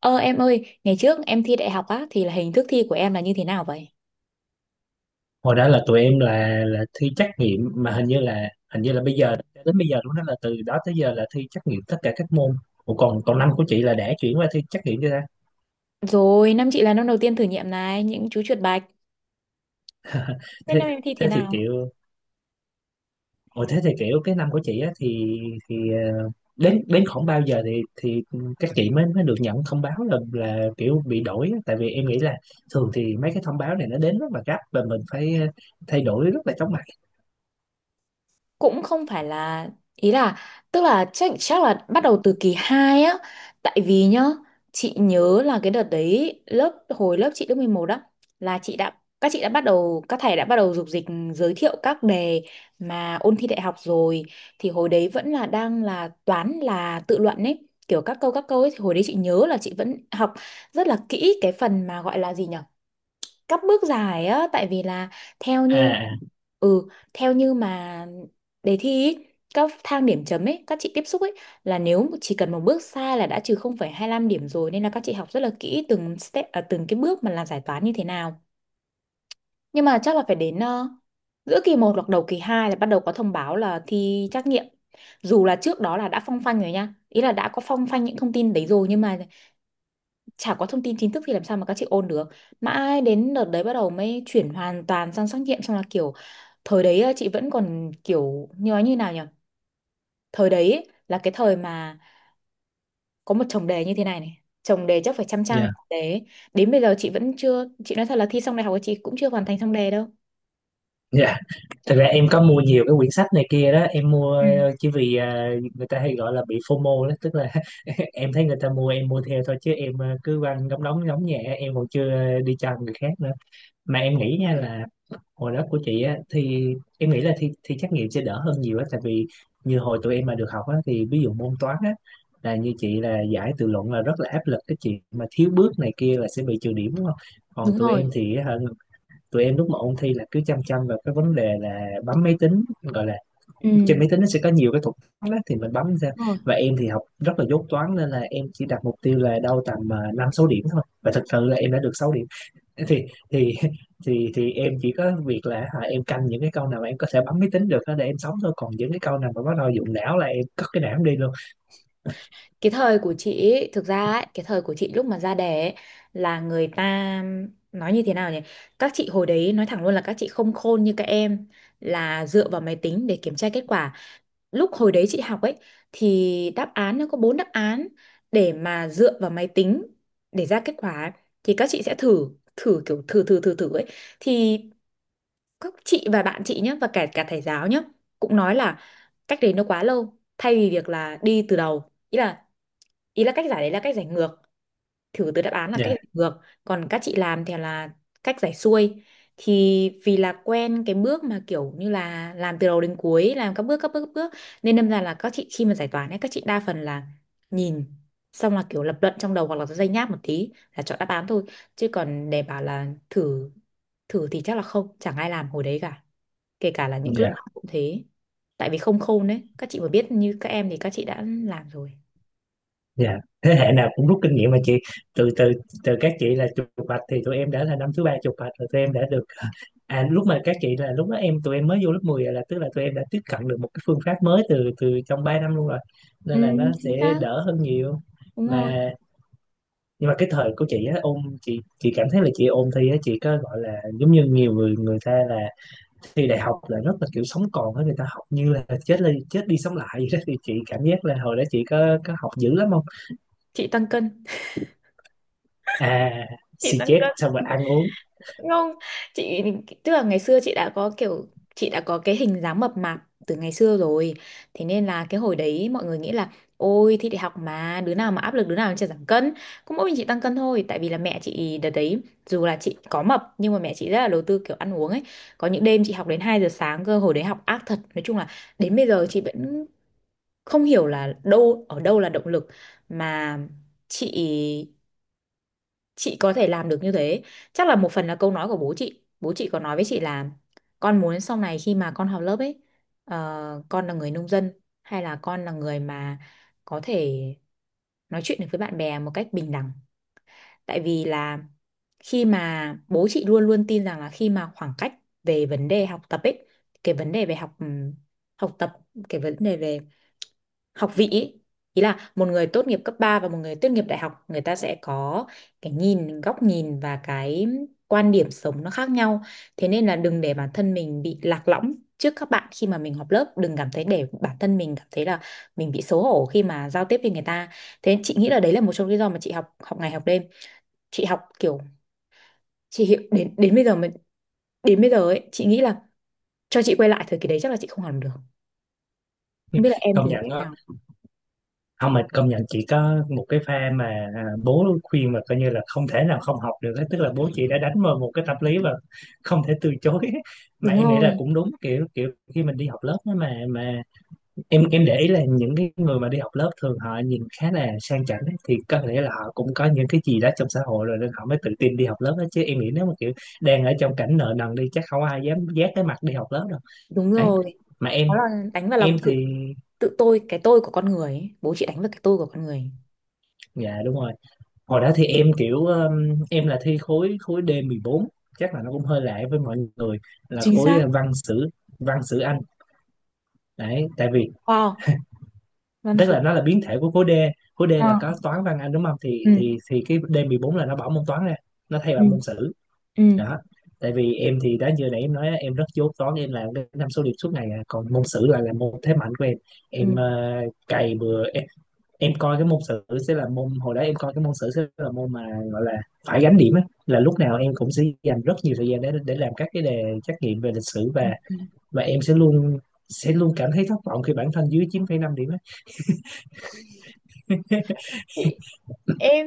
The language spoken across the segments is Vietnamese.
Ờ em ơi, ngày trước em thi đại học á thì là hình thức thi của em là như thế nào vậy? Hồi đó là tụi em là thi trắc nghiệm, mà hình như là bây giờ, đến bây giờ luôn đó, là từ đó tới giờ là thi trắc nghiệm tất cả các môn. Ủa, còn còn năm của chị là đã chuyển qua thi trắc nghiệm chưa ta? Rồi, năm chị là năm đầu tiên thử nghiệm này, những chú chuột bạch. Thế Thế năm em thi thế thế thì nào? kiểu Ồ, thế thì kiểu cái năm của chị á, thì ờ, đến đến khoảng bao giờ thì các chị mới mới được nhận thông báo là kiểu bị đổi á? Tại vì em nghĩ là thường thì mấy cái thông báo này nó đến rất là gấp, và mình phải thay đổi rất là chóng mặt. Cũng không phải là, ý là, tức là chắc chắc là bắt đầu từ kỳ 2 á, tại vì nhá, chị nhớ là cái đợt đấy lớp hồi lớp chị lớp 11 đó, là chị đã, các chị đã bắt đầu, các thầy đã bắt đầu dục dịch giới thiệu các đề mà ôn thi đại học rồi. Thì hồi đấy vẫn là đang là toán là tự luận ấy, kiểu các câu ấy, thì hồi đấy chị nhớ là chị vẫn học rất là kỹ cái phần mà gọi là gì nhỉ, cấp bước giải á, tại vì là theo như, À. ừ, theo như mà đề thi ý, các thang điểm chấm ấy các chị tiếp xúc ấy, là nếu chỉ cần một bước sai là đã trừ 0,25 điểm rồi, nên là các chị học rất là kỹ từng step à, từng cái bước mà làm giải toán như thế nào. Nhưng mà chắc là phải đến giữa kỳ một hoặc đầu kỳ 2 là bắt đầu có thông báo là thi trắc nghiệm, dù là trước đó là đã phong phanh rồi nha, ý là đã có phong phanh những thông tin đấy rồi, nhưng mà chả có thông tin chính thức thì làm sao mà các chị ôn được. Mãi đến đợt đấy bắt đầu mới chuyển hoàn toàn sang trắc nghiệm, xong là kiểu, thời đấy á, chị vẫn còn kiểu như nói như nào nhỉ, thời đấy ấy, là cái thời mà có một chồng đề như thế này này, chồng đề chắc phải trăm trang Dạ. chồng đề ấy. Đến bây giờ chị vẫn chưa, chị nói thật là thi xong đại học của chị cũng chưa hoàn thành xong đề đâu. Dạ. Thật ra em có mua nhiều cái quyển sách này kia đó, em mua Ừ. Chỉ vì người ta hay gọi là bị FOMO đó, tức là em thấy người ta mua, em mua theo thôi, chứ em cứ quanh đóng đóng đóng nhẹ, em còn chưa đi cho người khác nữa. Mà em nghĩ nha, là hồi đó của chị á thì em nghĩ là thi thi trắc nghiệm sẽ đỡ hơn nhiều á, tại vì như hồi tụi em mà được học á, thì ví dụ môn toán á, là như chị là giải tự luận là rất là áp lực, cái chuyện mà thiếu bước này kia là sẽ bị trừ điểm đúng không. Còn Đúng tụi rồi. em thì hả, tụi em lúc mà ôn thi là cứ chăm chăm vào cái vấn đề là bấm máy tính, gọi là Ừ. trên máy tính nó sẽ có nhiều cái thuật toán đó thì mình bấm ra. Đúng rồi. Và em thì học rất là dốt toán, nên là em chỉ đặt mục tiêu là đâu tầm năm sáu điểm thôi, và thật sự là em đã được 6 điểm. Thì thì em chỉ có việc là hả, em canh những cái câu nào mà em có thể bấm máy tính được đó để em sống thôi, còn những cái câu nào mà bắt đầu dụng não là em cất cái não em đi luôn. Cái thời của chị ấy, thực ra ấy, cái thời của chị lúc mà ra đẻ ấy, là người ta nói như thế nào nhỉ, các chị hồi đấy nói thẳng luôn là các chị không khôn như các em, là dựa vào máy tính để kiểm tra kết quả. Lúc hồi đấy chị học ấy, thì đáp án nó có bốn đáp án để mà dựa vào máy tính để ra kết quả ấy. Thì các chị sẽ thử, thử kiểu thử thử thử thử ấy, thì các chị và bạn chị nhé, và cả cả thầy giáo nhé, cũng nói là cách đấy nó quá lâu, thay vì việc là đi từ đầu, ý là, ý là cách giải đấy là cách giải ngược, thử từ đáp án là cách Dạ, giải ngược, còn các chị làm thì là cách giải xuôi. Thì vì là quen cái bước mà kiểu như là làm từ đầu đến cuối, làm các bước, nên đâm ra là các chị khi mà giải toán ấy, các chị đa phần là nhìn xong là kiểu lập luận trong đầu, hoặc là dây nháp một tí là chọn đáp án thôi, chứ còn để bảo là thử, thử thì chắc là không, chẳng ai làm hồi đấy cả, kể cả là những lớp dạ, học cũng thế. Tại vì không khôn đấy, các chị mà biết như các em thì các chị đã làm rồi. dạ, thế hệ nào cũng rút kinh nghiệm mà chị. Từ từ từ các chị là chụp bạch thì tụi em đã là năm thứ ba chụp bạch rồi, tụi em đã được. À, lúc mà các chị là lúc đó tụi em mới vô lớp 10 rồi, là tức là tụi em đã tiếp cận được một cái phương pháp mới từ từ trong 3 năm luôn rồi. Ừ, Nên là nó sẽ chính xác. đỡ hơn nhiều. Đúng rồi, Mà, nhưng mà cái thời của chị á, ôn chị cảm thấy là chị ôn thi á, chị có gọi là giống như nhiều người người ta là, thi đại học là rất là kiểu sống còn á, người ta học như là chết đi sống lại vậy đó, thì chị cảm giác là hồi đó chị có học dữ lắm không? chị tăng cân. À, Chị xì, tăng chết cân. xong rồi ăn uống. Không, chị, tức là ngày xưa chị đã có kiểu, chị đã có cái hình dáng mập mạp từ ngày xưa rồi. Thế nên là cái hồi đấy mọi người nghĩ là, ôi thi đại học mà đứa nào mà áp lực đứa nào chả giảm cân. Cũng mỗi mình chị tăng cân thôi, tại vì là mẹ chị đợt đấy, dù là chị có mập nhưng mà mẹ chị rất là đầu tư kiểu ăn uống ấy. Có những đêm chị học đến 2 giờ sáng cơ, hồi đấy học ác thật. Nói chung là đến bây giờ chị vẫn không hiểu là đâu, ở đâu là động lực mà chị chị có thể làm được như thế. Chắc là một phần là câu nói của bố chị, bố chị có nói với chị là, con muốn sau này khi mà con học lớp ấy, con là người nông dân hay là con là người mà có thể nói chuyện được với bạn bè một cách bình đẳng. Tại vì là, khi mà bố chị luôn luôn tin rằng là khi mà khoảng cách về vấn đề học tập ấy, cái vấn đề về học học tập, cái vấn đề về học vị ý, ý là một người tốt nghiệp cấp 3 và một người tốt nghiệp đại học người ta sẽ có cái nhìn, góc nhìn và cái quan điểm sống nó khác nhau. Thế nên là đừng để bản thân mình bị lạc lõng trước các bạn khi mà mình học lớp, đừng cảm thấy để bản thân mình cảm thấy là mình bị xấu hổ khi mà giao tiếp với người ta. Thế chị nghĩ là đấy là một trong lý do mà chị học, học ngày học đêm, chị học kiểu, chị hiểu đến đến bây giờ mình, đến bây giờ ấy chị nghĩ là cho chị quay lại thời kỳ đấy chắc là chị không làm được. Không biết là em Công thì như thế nhận. nào. Không, mà công nhận chị có một cái pha mà, à, bố khuyên mà coi như là không thể nào không học được ấy. Tức là bố chị đã đánh vào một cái tâm lý và không thể từ chối. Mà Đúng em nghĩ là rồi. cũng đúng, kiểu kiểu khi mình đi học lớp á, mà em để ý là những cái người mà đi học lớp thường họ nhìn khá là sang chảnh ấy, thì có thể là họ cũng có những cái gì đó trong xã hội rồi nên họ mới tự tin đi học lớp đó, chứ em nghĩ nếu mà kiểu đang ở trong cảnh nợ nần đi, chắc không ai dám vác cái mặt đi học lớp đâu. Đúng Đấy. rồi. Mà em Đó là đánh vào lòng em thì, tự, tự tôi, cái tôi của con người ấy. Bố chị đánh vào cái tôi của con người ấy. dạ, đúng rồi, hồi đó thì em kiểu em là thi khối khối D14, chắc là nó cũng hơi lạ với mọi người, là Chính khối xác. Văn sử, văn sử Anh. Đấy tại vì, Wow, văn tức sử. là nó là biến thể của khối D. Khối D Ờ. là có toán văn Anh đúng không, thì Ừ. Thì cái D14 là nó bỏ môn toán ra, nó thay Ừ. bằng môn sử Ừ. đó. Tại vì em thì, đã giờ nãy em nói á, em rất dốt toán, em làm cái năm số điểm suốt ngày à. Còn môn sử là môn thế mạnh của em. Ừ. Em cày bừa. Em coi cái môn sử sẽ là môn Hồi đó em coi cái môn sử sẽ là môn mà, gọi là phải gánh điểm á, là lúc nào em cũng sẽ dành rất nhiều thời gian để làm các cái đề trắc nghiệm về lịch sử, Ừ. và Ừ. và em sẽ luôn cảm thấy thất vọng khi bản thân dưới 9,5 điểm á. Chị, em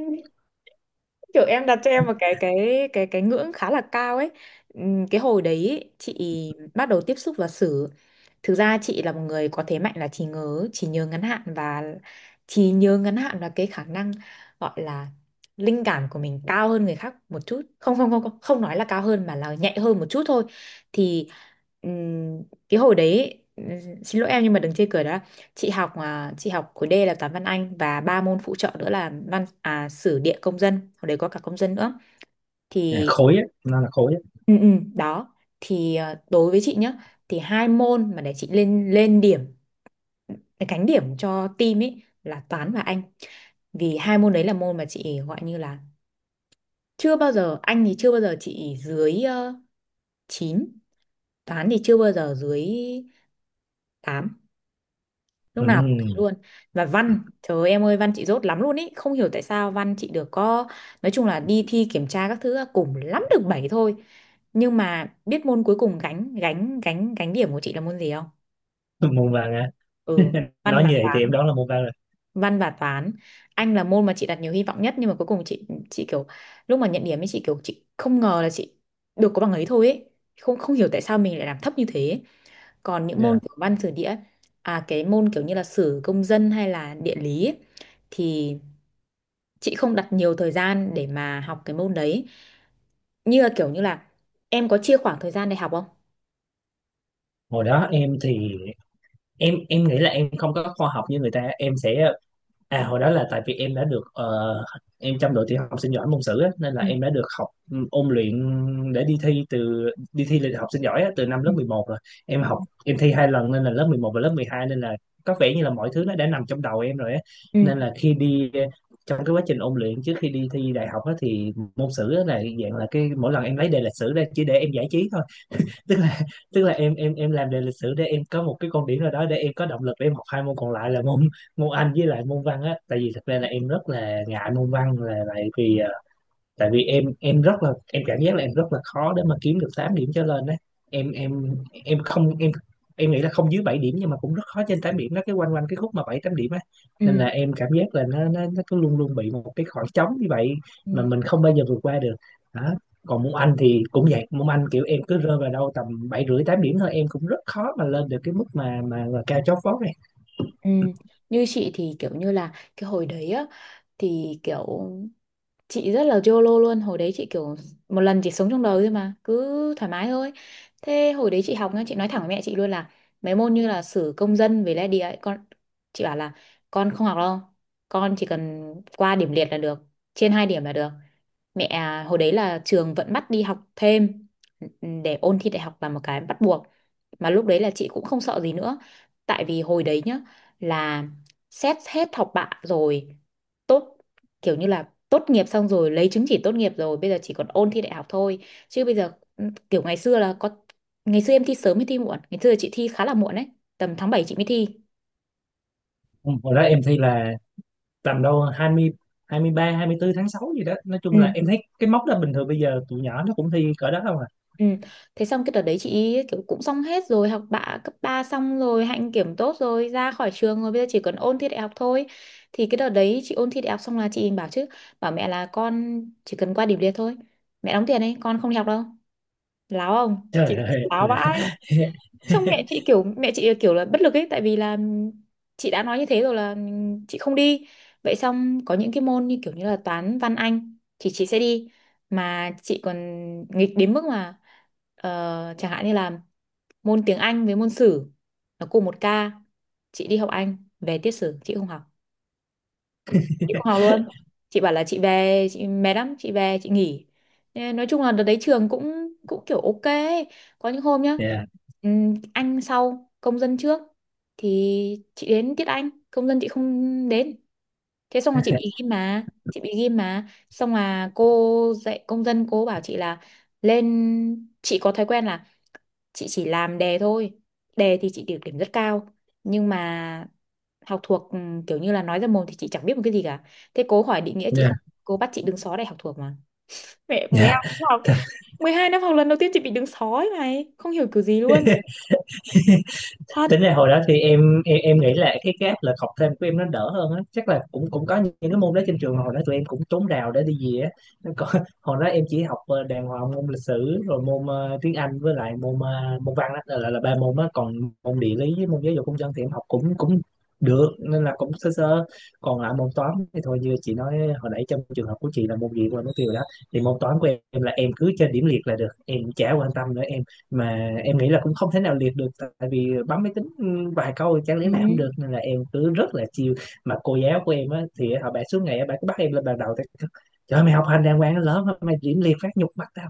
kiểu em đặt cho em một cái cái cái ngưỡng khá là cao ấy. Cái hồi đấy ý, chị bắt đầu tiếp xúc và xử, thực ra chị là một người có thế mạnh là trí nhớ, trí nhớ ngắn hạn, và trí nhớ ngắn hạn là cái khả năng gọi là linh cảm của mình cao hơn người khác một chút, không không, không nói là cao hơn mà là nhạy hơn một chút thôi. Thì ừm, cái hồi đấy ý, xin lỗi em nhưng mà đừng chê cười đó, chị học à, chị học khối D là toán văn Anh và ba môn phụ trợ nữa là văn à, sử địa công dân, hồi đấy có cả công dân nữa. À, Thì khối á, nó là khối á. ừ, ừ, đó thì à, đối với chị nhá, thì hai môn mà để chị lên lên điểm, cánh điểm cho team ấy là toán và Anh, vì hai môn đấy là môn mà chị gọi như là chưa bao giờ, Anh thì chưa bao giờ chị dưới uh, 9, toán thì chưa bao giờ dưới tám, lúc Ừ. nào cũng thế luôn. Và văn, trời ơi, em ơi, văn chị dốt lắm luôn ý, không hiểu tại sao văn chị được có, nói chung là đi thi kiểm tra các thứ cùng lắm được 7 thôi. Nhưng mà biết môn cuối cùng gánh gánh điểm của chị là môn gì không? Môn văn á. Ừ, văn Nói và như vậy thì em toán. đoán là môn văn rồi. Văn và toán. Anh là môn mà chị đặt nhiều hy vọng nhất, nhưng mà cuối cùng chị kiểu, lúc mà nhận điểm ấy chị kiểu chị không ngờ là chị được có bằng ấy thôi ấy, không, không hiểu tại sao mình lại làm thấp như thế. Còn những môn Dạ. kiểu văn sử địa, à cái môn kiểu như là sử công dân hay là địa lý ấy, thì chị không đặt nhiều thời gian để mà học cái môn đấy. Như là kiểu như là, em có chia khoảng thời gian để học không? Hồi đó em thì, em nghĩ là em không có khoa học như người ta, em sẽ, à hồi đó là tại vì em trong đội tiểu học sinh giỏi môn sử á, nên là Ừ. em đã được học ôn luyện để đi thi lịch học sinh giỏi á, từ năm Ừ. lớp 11 rồi. Em học em thi 2 lần nên là lớp 11 và lớp 12, nên là có vẻ như là mọi thứ nó đã nằm trong đầu em rồi á. Ừ. Nên là trong cái quá trình ôn luyện trước khi đi thi đại học á, thì môn sử á, là dạng là cái mỗi lần em lấy đề lịch sử ra chỉ để em giải trí thôi, tức là tức là em làm đề lịch sử để em có một cái con điểm nào đó để em có động lực để em học hai môn còn lại, là môn môn Anh với lại môn văn á. Tại vì thật ra là em rất là ngại môn văn, là tại vì em rất là, em cảm giác là em rất là khó để mà kiếm được 8 điểm trở lên đấy. Em em em không, em nghĩ là không dưới 7 điểm, nhưng mà cũng rất khó trên 8 điểm, nó cái quanh quanh cái khúc mà 7 8 điểm á. Nên là Ừ. em cảm giác là nó cứ luôn luôn bị một cái khoảng trống như vậy mà Ừ. mình không bao giờ vượt qua được. Đó, còn môn Anh thì cũng vậy, môn Anh kiểu em cứ rơi vào đâu tầm bảy rưỡi tám điểm thôi, em cũng rất khó mà lên được cái mức mà, mà cao chót vót này. Ừ. Như chị thì kiểu như là cái hồi đấy á, thì kiểu chị rất là YOLO luôn, hồi đấy chị kiểu một lần chỉ sống trong đời thôi mà cứ thoải mái thôi. Thế hồi đấy chị học nhá, chị nói thẳng với mẹ chị luôn là mấy môn như là sử công dân với lại địa ấy, con, chị bảo là con không học đâu, con chỉ cần qua điểm liệt là được, trên hai điểm là được. Mẹ à, hồi đấy là trường vẫn bắt đi học thêm, ừ, để ôn thi đại học là một cái bắt buộc, mà lúc đấy là chị cũng không sợ gì nữa. Tại vì hồi đấy nhá, là xét hết học bạ rồi, tốt, kiểu như là tốt nghiệp xong rồi, lấy chứng chỉ tốt nghiệp rồi, bây giờ chỉ còn ôn thi đại học thôi, chứ bây giờ, ừ, kiểu ngày xưa là có, ngày xưa em thi sớm hay thi muộn, ngày xưa chị thi khá là muộn đấy, tầm tháng 7 chị mới thi. Ừ, hồi đó em thi là tầm đâu hai hai mươi ba, hai mươi bốn tháng 6 gì đó, nói Ừ. chung là em thấy cái mốc đó bình thường, bây giờ tụi nhỏ nó cũng thi cỡ đó không à. Ừ. Thế xong cái đợt đấy chị ý kiểu cũng xong hết rồi, học bạ cấp 3 xong rồi, hạnh kiểm tốt rồi, ra khỏi trường rồi, bây giờ chỉ còn ôn thi đại học thôi. Thì cái đợt đấy chị ôn thi đại học xong là chị bảo chứ, bảo mẹ là con chỉ cần qua điểm liệt thôi, mẹ đóng tiền đấy con không đi học đâu. Láo không chị, Trời chị ơi láo là, vãi. Xong mẹ chị kiểu, mẹ chị kiểu là bất lực ấy, tại vì là chị đã nói như thế rồi là chị không đi. Vậy xong có những cái môn như kiểu như là toán văn anh thì chị sẽ đi. Mà chị còn nghịch đến mức mà, chẳng hạn như là môn tiếng Anh với môn sử nó cùng một ca, chị đi học Anh về tiết sử chị không học, chị không học luôn, chị bảo là chị về chị mệt lắm, chị về chị nghỉ. Thế nói chung là đợt đấy trường cũng cũng kiểu ok ấy. Có những hôm nhá, yeah, anh sau công dân trước, thì chị đến tiết anh, công dân chị không đến. Thế xong là chị bị ghim mà, chị bị ghim mà, xong là cô dạy công dân, cô bảo chị là, lên, chị có thói quen là chị chỉ làm đề thôi, đề thì chị được điểm rất cao, nhưng mà học thuộc ừ, kiểu như là nói ra mồm thì chị chẳng biết một cái gì cả. Thế cố hỏi định nghĩa chị yeah, không, cô bắt chị đứng xó để học thuộc mà. Mẹ, 12 yeah. năm học, 12 năm học lần đầu tiên chị bị đứng sói này, không hiểu kiểu gì luôn. Thật. Tính ra hồi đó thì em nghĩ là cái gap là học thêm của em nó đỡ hơn á, chắc là cũng cũng có những cái môn đó trên trường, hồi đó tụi em cũng trốn rào để đi về á. Nó có- Hồi đó em chỉ học đàng hoàng môn lịch sử, rồi môn tiếng Anh, với lại môn văn đó, là là ba môn á. Còn môn địa lý với môn giáo dục công dân thì em học cũng cũng được, nên là cũng sơ sơ. Còn lại môn toán thì thôi, như chị nói hồi nãy trong trường hợp của chị là môn gì quên mất tiêu rồi đó. Thì môn toán của em là em cứ trên điểm liệt là được, em chả quan tâm nữa, mà em nghĩ là cũng không thể nào liệt được, tại vì bấm máy tính vài câu chẳng Ừ. lẽ là không được, nên là em cứ rất là chiều. Mà cô giáo của em á thì họ bà suốt ngày á, bà cứ bắt em lên bàn đầu tại, trời ơi, mày học hành đàng hoàng nó lớn mà mày điểm liệt phát nhục mặt tao.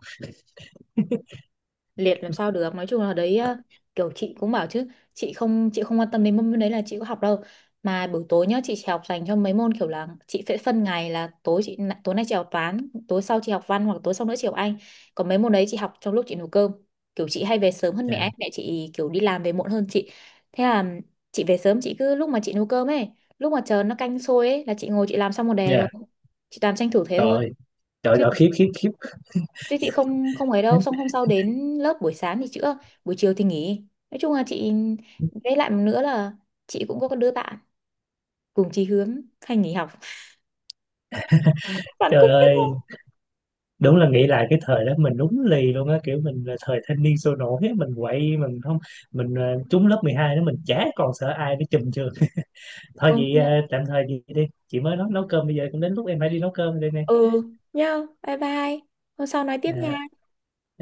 Liệt làm sao được, nói chung là đấy, kiểu chị cũng bảo chứ chị không, chị không quan tâm đến môn đấy, là chị có học đâu. Mà buổi tối nhá chị chỉ học dành cho mấy môn, kiểu là chị sẽ phân ngày là tối chị, tối nay chị học toán, tối sau chị học văn, hoặc tối sau nữa chị học anh. Còn mấy môn đấy chị học trong lúc chị nấu cơm, kiểu chị hay về sớm hơn mẹ Dạ. ấy. Mẹ chị kiểu đi làm về muộn hơn chị. Thế là chị về sớm, chị cứ lúc mà chị nấu cơm ấy, lúc mà chờ nó canh sôi ấy là chị ngồi chị làm xong một đề rồi. Dạ. Chị toàn tranh thủ thế Trời thôi. ơi, trời Chứ, ơi, khiếp khiếp khiếp. chứ chị không, không ấy đâu, xong hôm sau đến lớp buổi sáng thì chữa, buổi chiều thì nghỉ. Nói chung là chị, với lại một nữa là chị cũng có cái đứa bạn cùng chí hướng hay nghỉ học. Bạn Trời cũng biết ơi, không? đúng là nghĩ lại cái thời đó mình đúng lì luôn á, kiểu mình là thời thanh niên sôi nổi á, mình quậy mình không, mình trúng lớp 12 đó mình chả còn sợ ai nữa, chùm trường. Thôi Công vậy, nhận. tạm thời vậy đi chị, mới nấu nấu cơm bây giờ cũng đến lúc em phải đi nấu cơm đây nè. Ừ, nhau, bye bye. Hôm sau nói tiếp À. nha. Thì